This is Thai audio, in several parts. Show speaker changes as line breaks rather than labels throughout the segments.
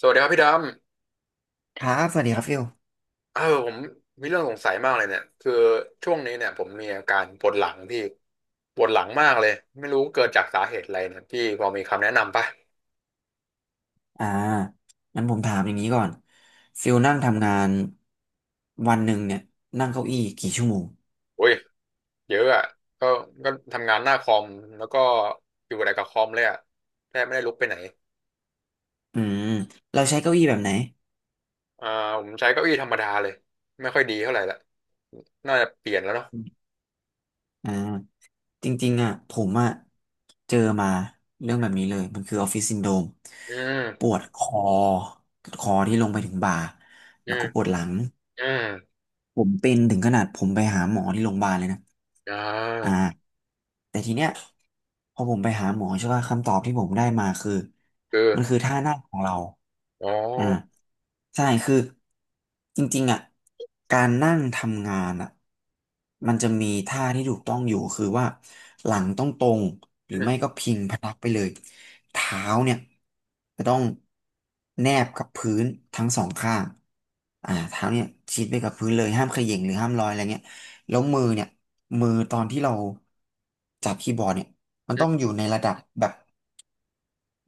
สวัสดีครับพี่ด
ครับสวัสดีครับฟิล
ำผมมีเรื่องสงสัยมากเลยเนี่ยคือช่วงนี้เนี่ยผมมีอาการปวดหลังพี่ปวดหลังมากเลยไม่รู้เกิดจากสาเหตุอะไรเนี่ยพี่พอมีคำแนะนำป่ะ
อ่างั้นผมถามอย่างนี้ก่อนฟิลนั่งทำงานวันหนึ่งเนี่ยนั่งเก้าอี้กี่ชั่วโมง
อุ้ยเยอะอ่ะก็ก็ทำงานหน้าคอมแล้วก็อยู่แต่กับคอมเลยอ่ะแทบไม่ได้ลุกไปไหน
อืมเราใช้เก้าอี้แบบไหน
อ่าผมใช้เก้าอี้ธรรมดาเลยไม่ค่อยดีเท่าไหร่ละน่าจะเปลี่ยนแล้วเนาะ
อ่าจริงๆอ่ะผมอ่ะเจอมาเรื่องแบบนี้เลยมันคือออฟฟิศซินโดรม
อื
ป
ม
วดคอคอที่ลงไปถึงบ่า
อื
แล้ว
ม
ก็ปวดหลัง
อืม
ผมเป็นถึงขนาดผมไปหาหมอที่โรงพยาบาลเลยนะ
อ่า
อ่า แต่ทีเนี้ยพอผมไปหาหมอใช่ป่ะคำตอบที่ผมได้มาคือ
คื
มันคือ
อ
ท่านั่งของเรา
อ๋อ
อ่าใช่คือจริงๆอ่ะการนั่งทำงานอ่ะมันจะมีท่าที่ถูกต้องอยู่คือว่าหลังต้องตรงหรื
อื
อ
ม
ไม่ก็พิงพนักไปเลยเท้าเนี่ยจะต้องแนบกับพื้นทั้งสองข้างเท้าเนี่ยชิดไปกับพื้นเลยห้ามเขย่งหรือห้ามลอยอะไรเงี้ย แล้
อื
ว
ม
มือเนี่ยมือตอนที่เราจับคีย์บอร์ดเนี่ยมัน
อื
ต้
ม
องอยู่ในระดับแบบ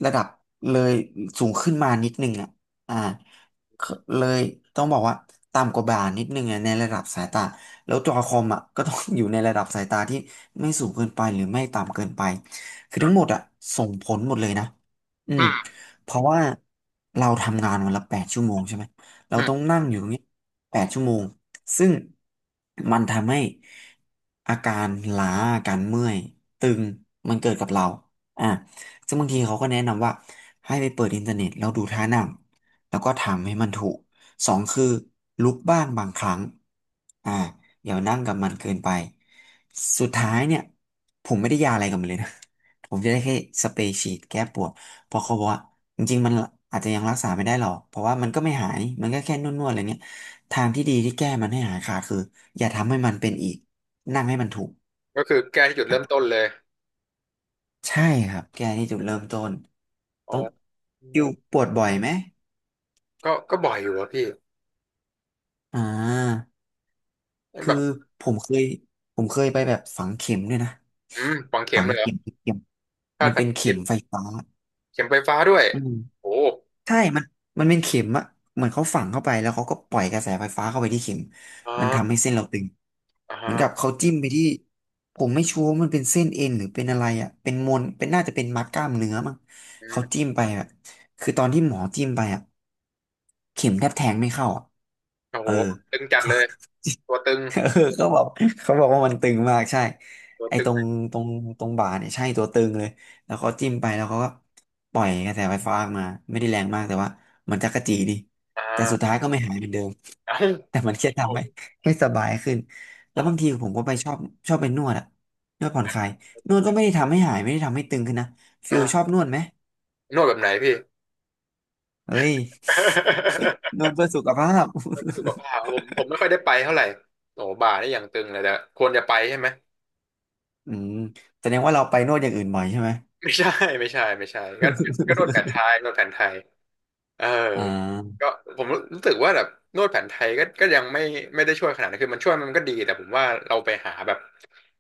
ระดับเลยสูงขึ้นมานิดนึงอ่ะอ่าคือเลยต้องบอกว่าต่ำกว่าบ่านิดนึงอะในระดับสายตาแล้วจอคอมอ่ะก็ต้องอยู่ในระดับสายตาที่ไม่สูงเกินไปหรือไม่ต่ำเกินไปคือทั้งหมดอ่ะส่งผลหมดเลยนะอืม
อื
เพราะว่าเราทำงานวันละแปดชั่วโมงใช่ไหมเราต้อง
ม
นั่งอยู่อย่างเงี้ยแปดชั่วโมงซึ่งมันทำให้อาการล้าอาการเมื่อยตึงมันเกิดกับเราอ่ะ ซึ่งบางทีเขาก็แนะนำว่าให้ไปเปิดอินเทอร์เน็ตแล้วดูท่านั่งแล้วก็ทำให้มันถูกสองคือลุกบ้างบางครั้งอ่าอย่านั่งกับมันเกินไปสุดท้ายเนี่ยผมไม่ได้ยาอะไรกับมันเลยนะ ผมจะได้แค่สเปรย์ฉีดแก้ปวดเพราะเขาบอกว่าจริงๆมันอาจจะยังรักษาไม่ได้หรอกเพราะว่ามันก็ไม่หายมันก็แค่นวดๆอะไรเนี่ยทางที่ดีที่แก้มันให้หายขาดคืออย่าทำให้มันเป็นอีกนั่งให้มันถูก
ก็คือแก้ที่จุดเริ่มต้นเลย
ใช่ครับแก้ที่จุดเริ่มต้น
อ๋
ต้อง
อ
คิวปวดบ่อยไหม
ก็บ่อยอยู่อะพี่
อ่าคือ
แบบ
ผมเคยไปแบบฝังเข็มด้วยนะ
อืมฝังเข็ม
ฝัง
เลยเหรอ
เข็มเข็ม
พา
มั
ด
น
แผ
เป็
น
น
ชี
เข็
พ
มไฟฟ้า
เข็มไฟฟ้าด้วย
อืม
โอ้
ใช่มันเป็นเข็มอะเหมือนเขาฝังเข้าไปแล้วเขาก็ปล่อยกระแสไฟฟ้าเข้าไปที่เข็ม
อ่
มันทำ
า
ให้เส้นเราตึงเหมือนกับ
อ่า
เขาจิ้มไปที่ผมไม่ชัวร์ว่ามันเป็นเส้นเอ็นหรือเป็นอะไรอะเป็นมนเป็นน่าจะเป็นมัดกล้ามเนื้อมั้ง
อื
เขา
ม
จิ้มไปอะคือตอนที่หมอจิ้มไปอะเข็มแทบแทงไม่เข้าอะ
โอ้
เอ
โห
อ
ตึงจัดเลย ตัวตึง
เออเขาบอกว่ามันตึงมากใช่
ตัว
ไอ้
ตึ
ต
ง
รงตรงตรงบ่าเนี่ยใช่ตัวตึงเลยแล้วเขาจิ้มไปแล้วเขาก็ปล่อยกระแสไฟฟ้าออกมาไม่ได้แรงมากแต่ว่ามันจักระจีดี
อ่
แต่สุด
า
ท้ายก็ไม่หายเหมือนเดิม
เอ้า
แต่มันแค่
โอ้
ทำให้ให้สบายขึ้นแล้วบางที
อ่า
ผมก็ไปชอบไปนวดอะนวดผ่อนคลายนวดก็ไม่ได้ทำให้หายไม่ได้ทำให้ตึงขึ้นนะฟิล
อ่า
ชอบนวดไหม
นวดแบบไหนพี่
เฮ้ย นวดเพื่อสุขภาพ
นวดไม่สุขภาพผมไม่ค่อยได้ไปเท่าไหร่ โอ้บ่าได้อย่างตึงเลยแต่ควรจะไปใช่ไหม
อืมแสดงว่าเราไปนวดอย่างอื่นบ่อยใช่ไหม
ไม่ใช่ ไม่ใช่ไม่ใช่ก็ก็นวดแผ นไทยนวดแผนไทย เออ
อ่า
ก็ผมรู้สึกว่าแบบนวดแผนไทยก็ยังไม่ไม่ได้ช่วยขนาดนั้นคือมันช่วยมันก็ดีแต่ผมว่าเราไปหาแบบ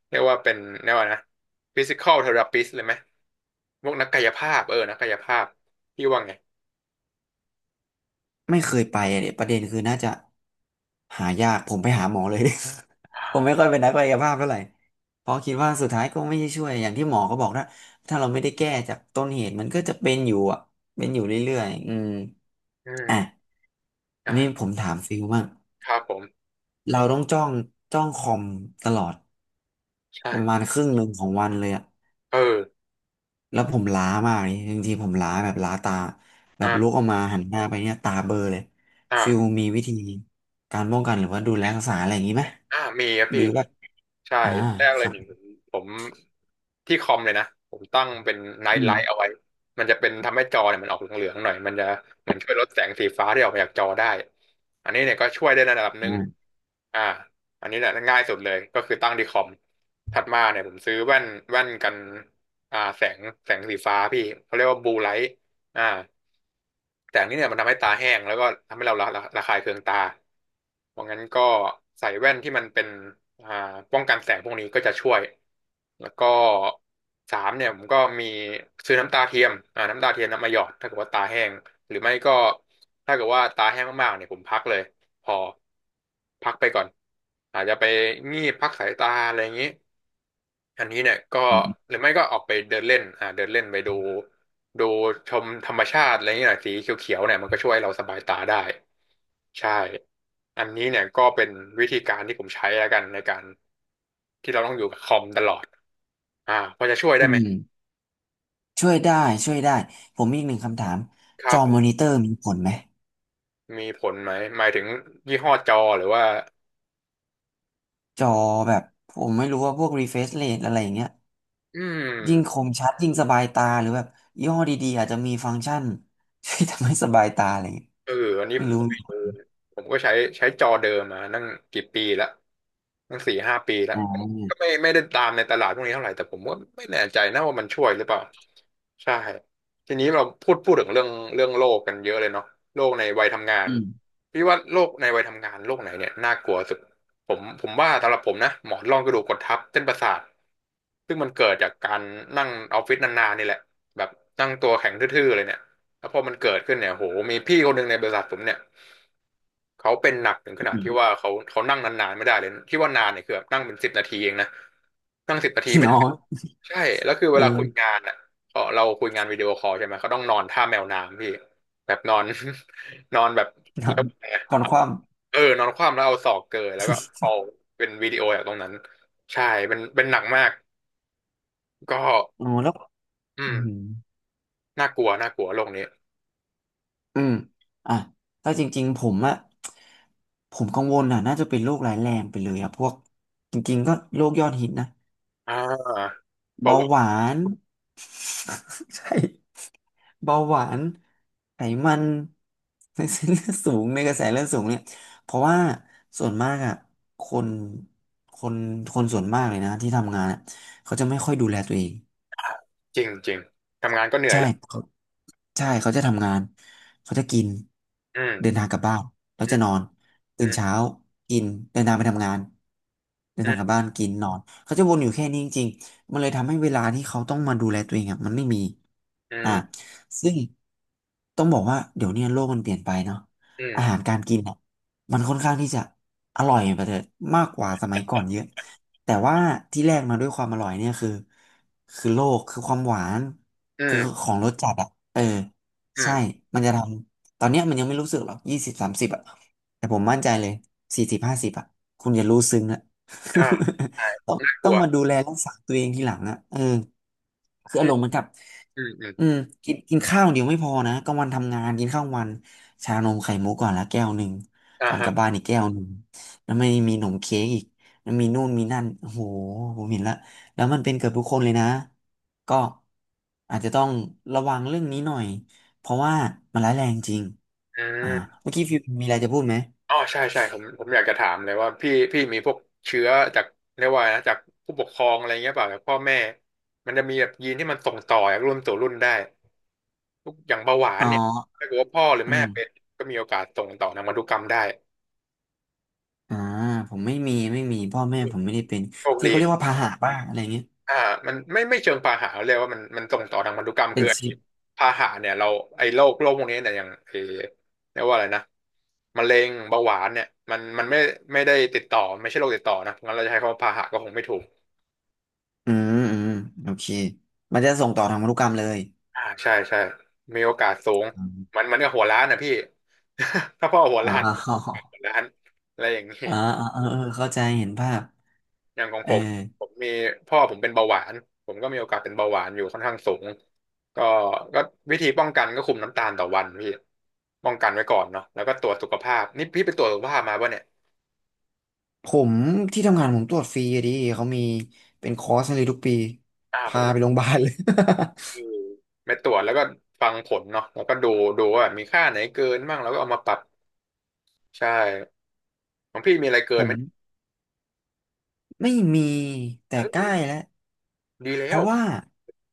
เรียกว่าเป็นเรียกว่านะ physical therapist เลยไหมพวกนักกายภาพนักกายภาพพี่ว่าไง
ไม่เคยไปอ่ะเนี่ยประเด็นคือน่าจะหายากผมไปหาหมอเลย ผมไม่
อ่า
ค่อยเป็นนักกายภาพเท่าไหร่เพราะคิดว่าสุดท้ายก็ไม่ได้ช่วยอย่างที่หมอเขาบอกนะถ้าเราไม่ได้แก้จากต้นเหตุมันก็จะเป็นอยู่อ่ะเป็นอยู่เรื่อยๆอืม
อื
อ่ะ
ม
อันนี้
อ่า
ผมถามฟิลบ้าง
ครับผม
เราต้องจ้องคอมตลอดประมา
ใช่
ณครึ่งหนึ่งของวันเลยอ่ะ
เออ
แล้วผมล้ามากนี่จริงๆผมล้าแบบล้าตาแบบลุ
อ่า
กออกมาหันหน้าไปเนี่ยตาเบลอเลยฟิล
อ่า
มีวิธีการป้องกันหรือว่าดูแลรักษาอะไรอย่างนี้ไหม
อ่ามีครับ
หรื
พี่
อว่า
ใช่
อ่า
แรก
ค
เลย
รั
ห
บ
นึ่งผมที่คอมเลยนะผมตั้งเป็น
อื
Night
ม
Light เอาไว้มันจะเป็นทำให้จอเนี่ยมันออกเหลืองๆหน่อยมันจะเหมือนช่วยลดแสงสีฟ้าที่ออกมาจากจอได้อันนี้เนี่ยก็ช่วยได้ในระดับห
อื
นึ่ง
ม
อ่าอันนี้เนี่ยง่ายสุดเลยก็คือตั้งที่คอมถัดมาเนี่ยผมซื้อแว่นแว่นกันแสงแสงสีฟ้าพี่เขาเรียกว่า Blue Light อ่าแต่อันนี้เนี่ยมันทำให้ตาแห้งแล้วก็ทำให้เราระคายเคืองตาเพราะงั้นก็ใส่แว่นที่มันเป็นอ่าป้องกันแสงพวกนี้ก็จะช่วยแล้วก็สามเนี่ยผมก็มีซื้อน้ำตาเทียมน้ำตาเทียมน้ำมาหยอดถ้าเกิดว่าตาแห้งหรือไม่ก็ถ้าเกิดว่าตาแห้งมากๆเนี่ยผมพักเลยพอพักไปก่อนอาจจะไปงีบพักสายตาอะไรอย่างนี้ อันนี้เนี่ยก็
อืม
หรือไม่ก็ออกไปเดินเล่นเดินเล่นไปดูดูชมธรรมชาติอะไรอย่างเงี้ยหน่อยสีเขียวๆเนี่ยมันก็ช่วยเราสบายตาได้ใช่อันนี้เนี่ยก็เป็นวิธีการที่ผมใช้แล้วกันในการที่เราต้องอยู่กับคอมตลอดพอจะช่วยได้
อื
ไหม
มช่วยได้ช่วยได้ผมมีอีกหนึ่งคำถาม
ค
จ
รั
อ
บ
มอนิเตอร์มีผลไหม
มีผลไหมหมายถึงยี่ห้อจอหรือว่า
จอแบบผมไม่รู้ว่าพวก refresh rate อะไรอย่างเงี้ย
อื
ยิ่งค
ม
มชัดยิ่งสบายตาหรือแบบยี่ห้อดีๆอาจจะมีฟังก์ชัน ช่วยทำให้สบายตาอะไรอย่างเงี้ย
เอออันนี้ผ
ไม่
ม
รู้
ก็ไม่
มีผ
รู้
ล
นะผมก็ใช้ใช้จอเดิมมานั่งกี่ปีละตั้งสี่ห้าปีละ
อ่า
ก็ไม่ไม่ได้ตามในตลาดพวกนี้เท่าไหร่แต่ผมว่าไม่แน่ใจนะว่ามันช่วยหรือเปล่าใช่ทีนี้เราพูดพูดถึงเรื่องเรื่องโลกกันเยอะเลยเนาะโลกในวัยทำงาน
อืม
พี่ว่าโลกในวัยทำงานโลกไหนเนี่ยน่ากลัวสุดผมว่าสำหรับผมนะหมอนรองกระดูกกดทับเส้นประสาทซึ่งมันเกิดจากการนั่งออฟฟิศนานๆนี่แหละแบบนั่งตัวแข็งทื่อๆเลยเนี่ย แล้วพอมันเกิดขึ้นเนี่ยโหมีพี่คนหนึ่งในบริษัทผมเนี่ยเขาเป็นหนักถึงขนาดที่ว่าเขานั่งนานๆไม่ได้เลยที่ว่านานเนี่ยคือแบบนั่งเป็นสิบนาทีเองนะนั่งสิบนาที ไม่
น้
ได้
อย
ใช่แล้วคือ
เอ
เวลาคุย
อ
งานอ่ะเราคุยงานวิดีโอคอลใช่ไหมเขาต้องนอนท่าแมวน้ำพี่แบบนอน นอนแบบ
ถา
แล้
ม
วแต่
ก่อนความ
เออนอนคว่ำแล้วเอาศอกเกยแล้วก็คอลเป็นวิดีโอจากตรงนั้นใช่เป็นเป็นหนักมากก็
อ๋อแล้ว
อื
อื
ม
ม
น่ากลัวน่ากลัวโลกนี้
อืม อ่ะถ้าจริงๆผมอะผมกังวลอะน่าจะเป็นโรคร้ายแรงไปเลยอะพวก จริงๆก็โรคยอดฮิตนะ
อ่าเบา
เบา
หวาน
หวาน ใช่ เบาหวานไขมันในเส้นเลือดสูงในกระแสเลือดสูงเนี่ย เพราะว่าส่วนมากอะคนคน คนส่วนมากเลยนะที่ทำงานอะเขาจะไม่ค่อยดูแลตัวเอง
จริงจริงทำงานก็เหนื่อย
ใช่
แล้ว
ใช่เขาจะทำงานเขาจะกิน
อื
เดิน
ม
ทางกลับบ้านแล้ว
อื
จะ
ม
นอน
อื
ตื่น
ม
เช้ากินเดินทางไปทำงานเดินทางกลับบ้านกินนอนเขาจะวนอยู่แค่นี้จริงๆมันเลยทำให้เวลาที่เขาต้องมาดูแลตัวเองอ่ะมันไม่มี
อื
อ่ะ
ม
ซึ่งต้องบอกว่าเดี๋ยวเนี้โลกมันเปลี่ยนไปเนาะ
อืม
อาหารการกินอ่ะมันค่อนข้างที่จะอร่อยไปเถอะมากกว่าสมัยก่อนเยอะ แต่ว่าที่แรกมาด้วยความอร่อยเนี่ยคือโลกคือความหวาน
อื
คือ
ม
ของรสจัดอ่ะเออ
อืม
ใช่
อืม
มันจะทำตอนเนี้ยมันยังไม่รู้สึกหรอก20 30อ่ะแต่ผมมั่นใจเลย40 50อ่ะคุณจะรู้ซึ้งอ่ะ
อ่า ใช่
ต้อง
ก
ต้อ
ลั
ง
ว
มาดูแลรักษาตัวเองทีหลังอ่ะเออคือ
อื
อา
ม
รมณ์เหมือนกับ
อืมอืม
อืมกินกินข้าวเดี๋ยวไม่พอนะกลางวันทำงานกินข้าววันชานมไข่มุกก่อนละแก้วหนึ่ง
อ่า
ก่อนก
ฮะ
ลับบ้านอีกแก้วหนึ่งแล้วไม่มีหนมเค้กอีก มีนู่นมีนั่นโอ้โหผมเห็นละแล้วมันเป็นเกือบทุกคนเลยนะก็อาจจะต้องระวังเรื่องนี้หน่อยเพราะว่ามันร้ายแรงจริง
อ่
อ่า
า
เมื่อกี้ฟิวมีอะไรจะพูดไหม
อ๋อใช่ใช่ผมอยากจะถามเลยว่าพี่มีพวกเชื้อจากเรียกว่าอะไรนะจากผู้ปกครองอะไรเงี้ยเปล่าจากพ่อแม่มันจะมีแบบยีนที่มันส่งต่อจากรุ่นสู่รุ่นได้ทุกอย่างเบาหวาน
อ๋
เนี่ย
อ
ถ้าเกิดว่าพ่อหรือ
อื
แม่เป็น
ม
ก็มีโอกาสส่งต่อทางพันธุกรรมได้
อ่าผมไม่มีพ่อแม่ผมไม่ได้เป็น
โชค
ที่
ดี
เขาเรียกว่าพาหะบ้างอะไรเงี้ย
อ่ามันไม่ไม่เชิงพาหะเรียกว่ามันส่งต่อทางพันธุกรรม
เป็
คือ
นชิ
ไอ้
ป
พาหะเนี่ยเราไอ้โรคโรคพวกนี้เนี่ยอย่างไอ้เรียกว่าอะไรนะมะเร็งเบาหวานเนี่ยมันไม่ไม่ได้ติดต่อไม่ใช่โรคติดต่อนะงั้นเราจะใช้คำว่าพาหะก็คงไม่ถูก
อืมโอเคมันจะส่งต่อทางพันธุกรรมเลย
ใช่ใช่มีโอกาสสูง
อม
มันก็หัวล้านนะพี่ ถ้าพ่อหัว
อ๋อ
ล้าน
อ๋อ
หัวล้านอะไรอย่างนี้
อ๋อเออเข้าใจเห็นภาพ
อย่างของ
เออ
ผมผมมีพ่อผมเป็นเบาหวานผมก็มีโอกาสเป็นเบาหวานอยู่ค่อนข้างสูงก็ก็วิธีป้องกันก็คุมน้ำตาลต่อวันพี่ป้องกันไว้ก่อนเนาะแล้วก็ตรวจสุขภาพนี่พี่ไปตรวจสุขภาพมาป่ะเนี่ย
ผมที่ทำงานผมตรวจฟรีอะดิเขามีเป็นคอร์สให้เลยทุกปี
ผ
พา
มก็
ไปโรงพยาบาลเลย
คือไปตรวจแล้วก็ฟังผลเนาะแล้วก็ดูดูว่ามีค่าไหนเกินบ้างแล้วก็เอามาปรับใช่ของพี่มีอะไร เกิ
ผ
นไห
ม
ม
ไม่มีแต่
เอ
ใกล้
อ
แล้ว
ดี
เพ
แล้ว
ราะว่า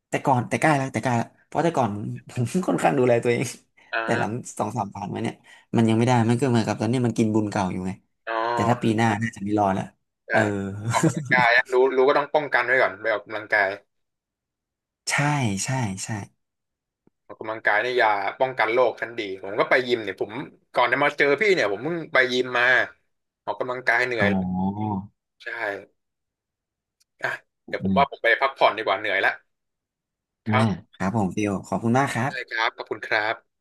แต่ก่อนแต่ใกล้แล้วเพราะแต่ก่อน ผมค่อนข้างดูแลตัวเอง
อ่
แต่หลัง
า
สองสามผ่านมาเนี่ยมันยังไม่ได้มันก็เหมือนกับตอนนี้มันกินบุญเก่าอยู่ไง
อ๋
แต่ถ้า
อ
ปีหน้าน่าจะไม่รอดละ
ใช่
เออ
ออกกำลังกายอะรู้ก็ต้องป้องกันไว้ก่อนไปออกกำลังกาย
ใช่ใช่ใช่
ออกกำลังกายนี่ยาป้องกันโรคชั้นดีผมก็ไปยิมเนี่ยผมก่อนจะมาเจอพี่เนี่ยผมเพิ่งไปยิมมาออกกำลังกายเหนื่อ
อ๋
ยเลย
อ
ใช่อ่ะเดี๋ยวผ
อื
มว่าผ
ม
มไปพักผ่อนดีกว่าเหนื่อยแล้วค
อ่า
รับ
ครับผมฟิลขอบคุณมากครับ
ได้ครับขอบคุณครับ